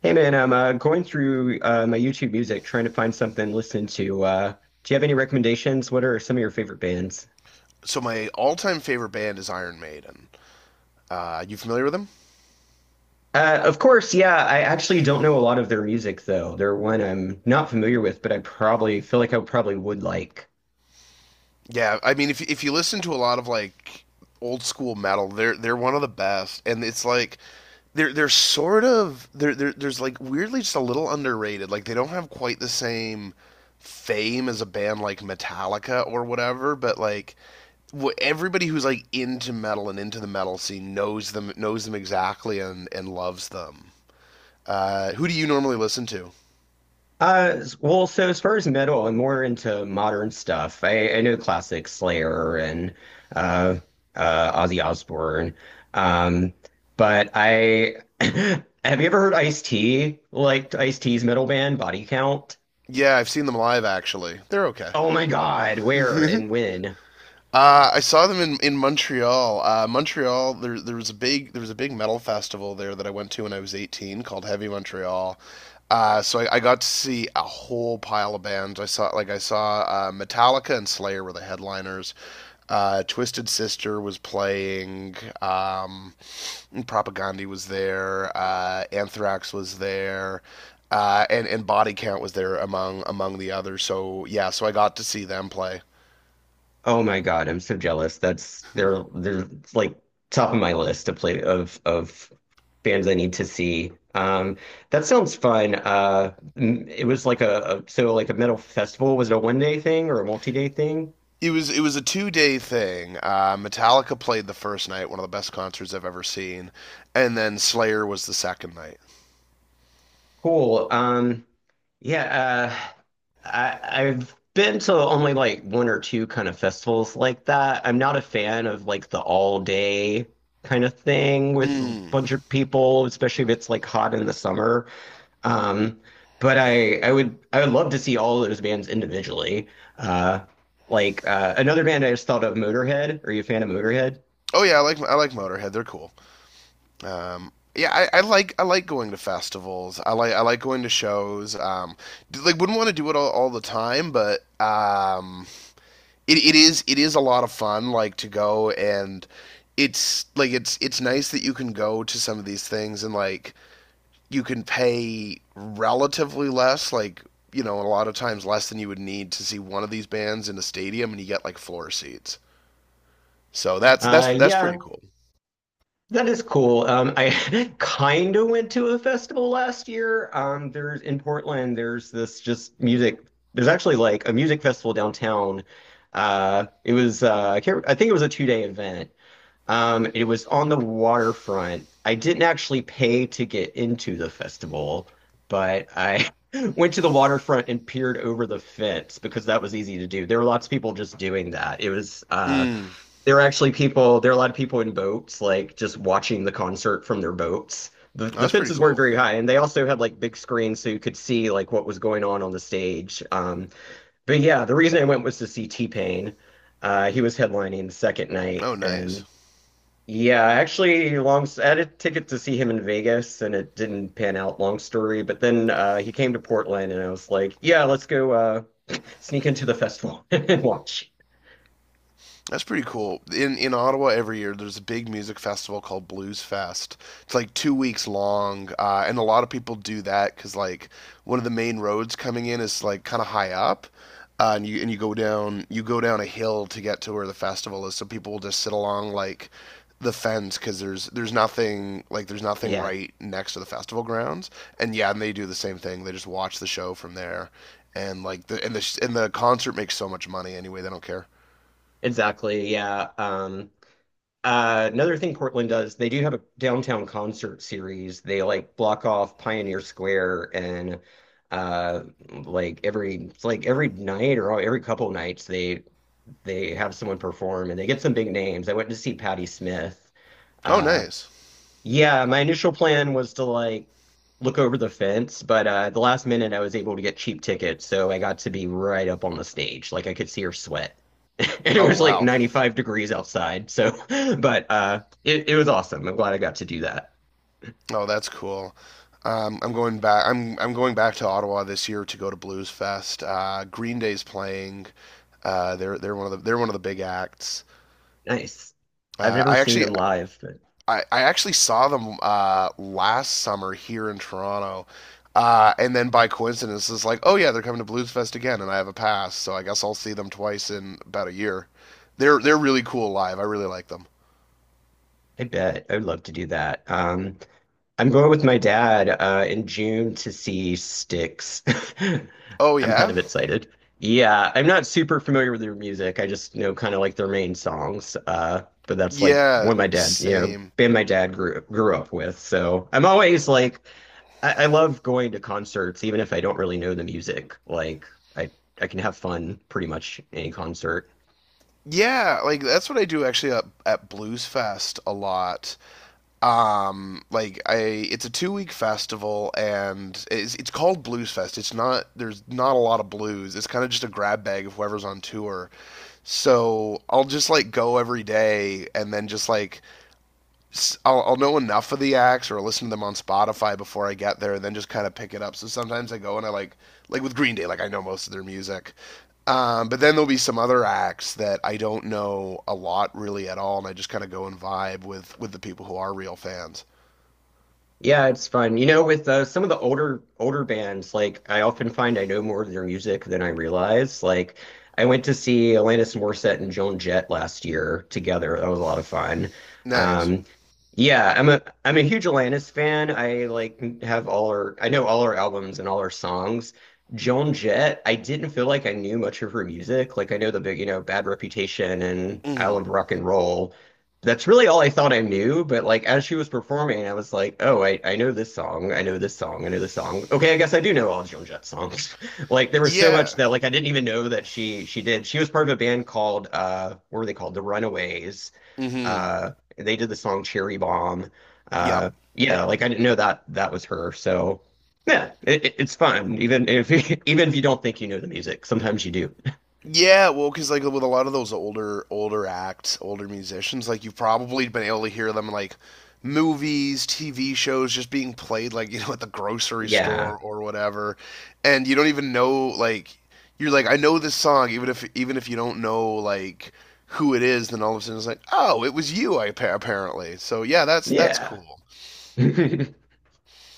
Hey man, I'm going through my YouTube music trying to find something to listen to. Do you have any recommendations? What are some of your favorite bands? So my all-time favorite band is Iron Maiden. You familiar with them? Of course, yeah, I actually don't know a lot of their music though. They're one I'm not familiar with, but I probably would like. Yeah, I mean, if you listen to a lot of like old school metal, they're one of the best, and it's like they're sort of they're there's like weirdly just a little underrated. Like they don't have quite the same fame as a band like Metallica or whatever, but like everybody who's like into metal and into the metal scene knows them exactly, and loves them. Who do you normally listen to? So as far as metal, I'm more into modern stuff. I know classic Slayer and uh, Ozzy Osbourne. Um, but I have you ever heard Ice-T? Like Ice-T's metal band, Body Count? Yeah, I've seen them live actually. They're okay. Oh my God, where and when? I saw them in Montreal. Montreal, there was a big metal festival there that I went to when I was 18, called Heavy Montreal. So I got to see a whole pile of bands. I saw Metallica and Slayer were the headliners. Twisted Sister was playing. Um, Propaganda was there. Anthrax was there. And Body Count was there among the others. So yeah, so I got to see them play. Oh my God, I'm so jealous. That's they're it's like top of my list to play of bands I need to see. That sounds fun. M- it was like a so like a metal festival. Was it a 1 day thing or a multi day thing? It was a two-day thing. Metallica played the first night, one of the best concerts I've ever seen, and then Slayer was the second night. Cool. Yeah. Uh, I I've been to only like one or two kind of festivals like that. I'm not a fan of like the all day kind of thing with a Mm. bunch of people, especially if it's like hot in the summer. Um, but I would love to see all of those bands individually. Uh, another band I just thought of, Motorhead. Are you a fan of Motorhead? Oh yeah, I like Motorhead. They're cool. Yeah, I like going to festivals. I like going to shows. Like wouldn't want to do it all the time, but it is a lot of fun. Like to go, and it's like it's nice that you can go to some of these things and like you can pay relatively less, like you know, a lot of times less than you would need to see one of these bands in a stadium, and you get like floor seats. So that's that's Uh, that's pretty yeah, cool. that is cool. I kind of went to a festival last year. There's in Portland. There's this just music. There's actually like a music festival downtown. It was I can't, I think it was a 2 day event. It was on the waterfront. I didn't actually pay to get into the festival, but I went to the waterfront and peered over the fence because that was easy to do. There were lots of people just doing that. It was Mm, there were actually people, there were a lot of people in boats, like just watching the concert from their boats. The that's pretty fences weren't cool. very high, and they also had like big screens so you could see like what was going on the stage. But yeah, the reason I went was to see T-Pain. He was headlining the second night, Oh, nice. and yeah, I actually, long I had a ticket to see him in Vegas, and it didn't pan out. Long story, but then he came to Portland, and I was like, "Yeah, let's go sneak into the festival and watch." That's pretty cool. In Ottawa every year there's a big music festival called Blues Fest. It's like two weeks long, and a lot of people do that because like one of the main roads coming in is like kind of high up, and you go down a hill to get to where the festival is. So people will just sit along like the fence because there's nothing, like there's nothing Yeah, right next to the festival grounds. And yeah, and they do the same thing. They just watch the show from there, and like the concert makes so much money anyway. They don't care. exactly. Yeah. Another thing Portland does, they do have a downtown concert series. They like block off Pioneer Square and uh like every it's like every night or every couple nights they have someone perform and they get some big names. I went to see Patti Smith. Oh, Uh nice. Yeah, my initial plan was to like look over the fence, but at the last minute I was able to get cheap tickets, so I got to be right up on the stage. Like I could see her sweat. And it Oh was like wow. 95 degrees outside. So, but it was awesome. I'm glad I got to do that. Oh, that's cool. I'm going back. I'm going back to Ottawa this year to go to Blues Fest. Green Day's playing. They're one of the big acts. Nice. I've Uh, never I seen actually them live, but I actually saw them last summer here in Toronto, and then by coincidence it's like, oh yeah, they're coming to Blues Fest again, and I have a pass, so I guess I'll see them twice in about a year. They're really cool live. I really like them. I bet I would love to do that. I'm going with my dad in June to see Styx. Oh I'm kind yeah, of excited. Yeah, I'm not super familiar with their music. I just know kind of like their main songs. But that's like yeah, one my dad, you know, same. band my dad grew up with. So I'm always like, I love going to concerts, even if I don't really know the music. Like I I can have fun pretty much any concert. Yeah, like that's what I do actually at Blues Fest a lot. Um, like I, it's a two-week festival, and it's called Blues Fest. It's not There's not a lot of blues. It's kind of just a grab bag of whoever's on tour. So I'll just like go every day, and then just like I'll know enough of the acts or listen to them on Spotify before I get there, and then just kind of pick it up. So sometimes I go, and I like with Green Day, like I know most of their music, but then there'll be some other acts that I don't know a lot really at all, and I just kind of go and vibe with the people who are real fans. Yeah, it's fun. You know, with some of the older bands, like I often find I know more of their music than I realize. Like I went to see Alanis Morissette and Joan Jett last year together. That was a lot of fun. Nice. Um, yeah, I'm a huge Alanis fan. I have all her I know all her albums and all her songs. Joan Jett, I didn't feel like I knew much of her music. Like I know the big, you know, Bad Reputation and Mm-hmm. Island Rock and Roll, that's really all I thought I knew, but like as she was performing, I was like, oh, I know this song, I know this song, I know this song. Okay, I guess I do know all Joan Jett songs. like there was so much Yeah. that like I didn't even know that she did. She was part of a band called what were they called? The Runaways. Mm-hmm. Uh they did the song Cherry Bomb. Yep. Yeah, like I didn't know that that was her. So yeah, it- it's fun. Even if even if you don't think you know the music, sometimes you do. Yeah, well, because like with a lot of those older acts, older musicians, like you've probably been able to hear them in, like, movies, TV shows, just being played like you know, at the grocery Yeah. store or whatever, and you don't even know, like, you're like, I know this song, even if you don't know like who it is, then all of a sudden it's like, oh it was you, I apparently. So yeah, that's Yeah. cool.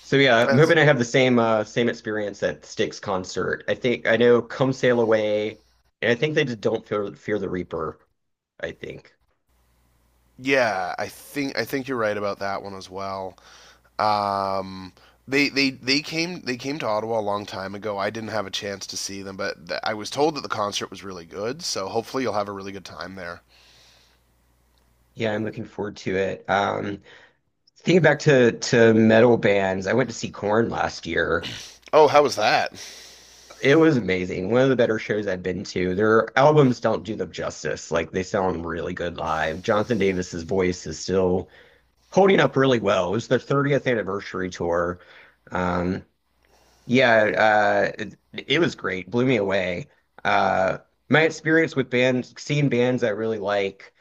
So yeah, I'm That's hoping I have the same same experience at Styx concert. I think I know Come Sail Away, and I think they did Don't Fear the Reaper, I think. Yeah, I think you're right about that one as well. Um, they came to Ottawa a long time ago. I didn't have a chance to see them, but I was told that the concert was really good. So hopefully you'll have a really good time there. Yeah, I'm looking forward to it. Thinking back to metal bands, I went to see Korn last year. Oh, how was that? It was amazing. One of the better shows I've been to. Their albums don't do them justice. Like they sound really good live. Jonathan Davis's voice is still holding up really well. It was their 30th anniversary tour. Um, Yeah, uh, it, it was great. Blew me away. Uh, my experience with bands, seeing bands I really like,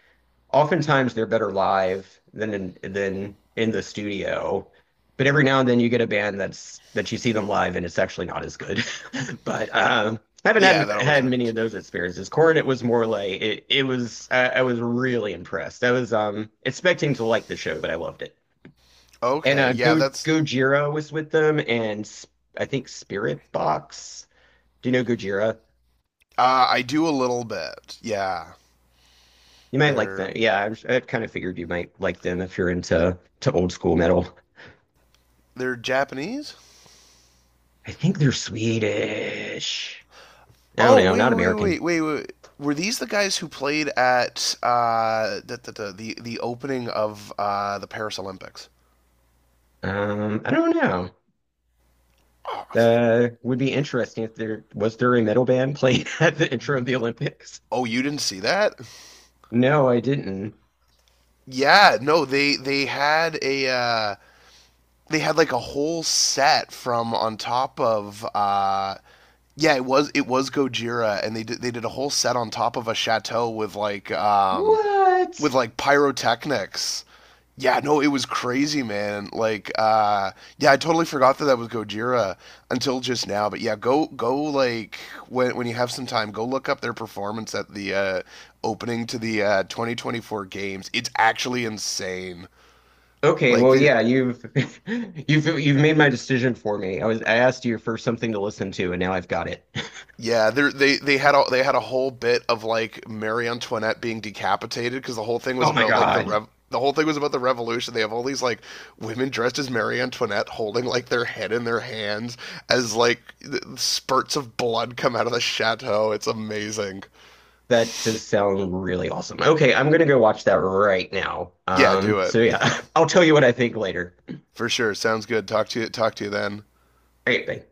oftentimes they're better live than than in the studio. But every now and then you get a band that you see them live and it's actually not as good. But I haven't Yeah, that had always had many of hurts. those experiences. Corn, it was more like it. I was really impressed. I was expecting to like the show, but I loved it. And Okay, yeah, Go that's Gojira was with them, and I think Spirit Box. Do you know Gojira? I do a little bit. Yeah, You might like they're them. Yeah, I kind of figured you might like them if you're into to old school metal. they're Japanese. I think they're Swedish. I don't Oh know, not American. Wait. Were these the guys who played at the opening of the Paris Olympics? I don't know. Oh, That would be interesting if there was there a metal band playing at the intro of the Olympics. oh, you didn't see that? No, I didn't. Yeah, no, they had like a whole set from on top of yeah, it was Gojira, and they did a whole set on top of a chateau What? with like pyrotechnics. Yeah, no, it was crazy, man. Yeah, I totally forgot that that was Gojira until just now. But yeah, go go like when you have some time, go look up their performance at the opening to the 2024 games. It's actually insane. Okay, Like well, they, yeah, you've you've made my decision for me. I asked you for something to listen to, and now I've got it. yeah, they had a whole bit of like Marie Antoinette being decapitated because the whole thing was Oh my about like the God, rev. The whole thing was about the revolution. They have all these like women dressed as Marie Antoinette holding like their head in their hands, as like spurts of blood come out of the chateau. It's amazing. that does sound really awesome. Okay, I'm gonna go watch that right now. Yeah, Um, do it so yeah, I'll tell you what I think later. for sure. Sounds good. Talk to you. Talk to you then. All right, bye.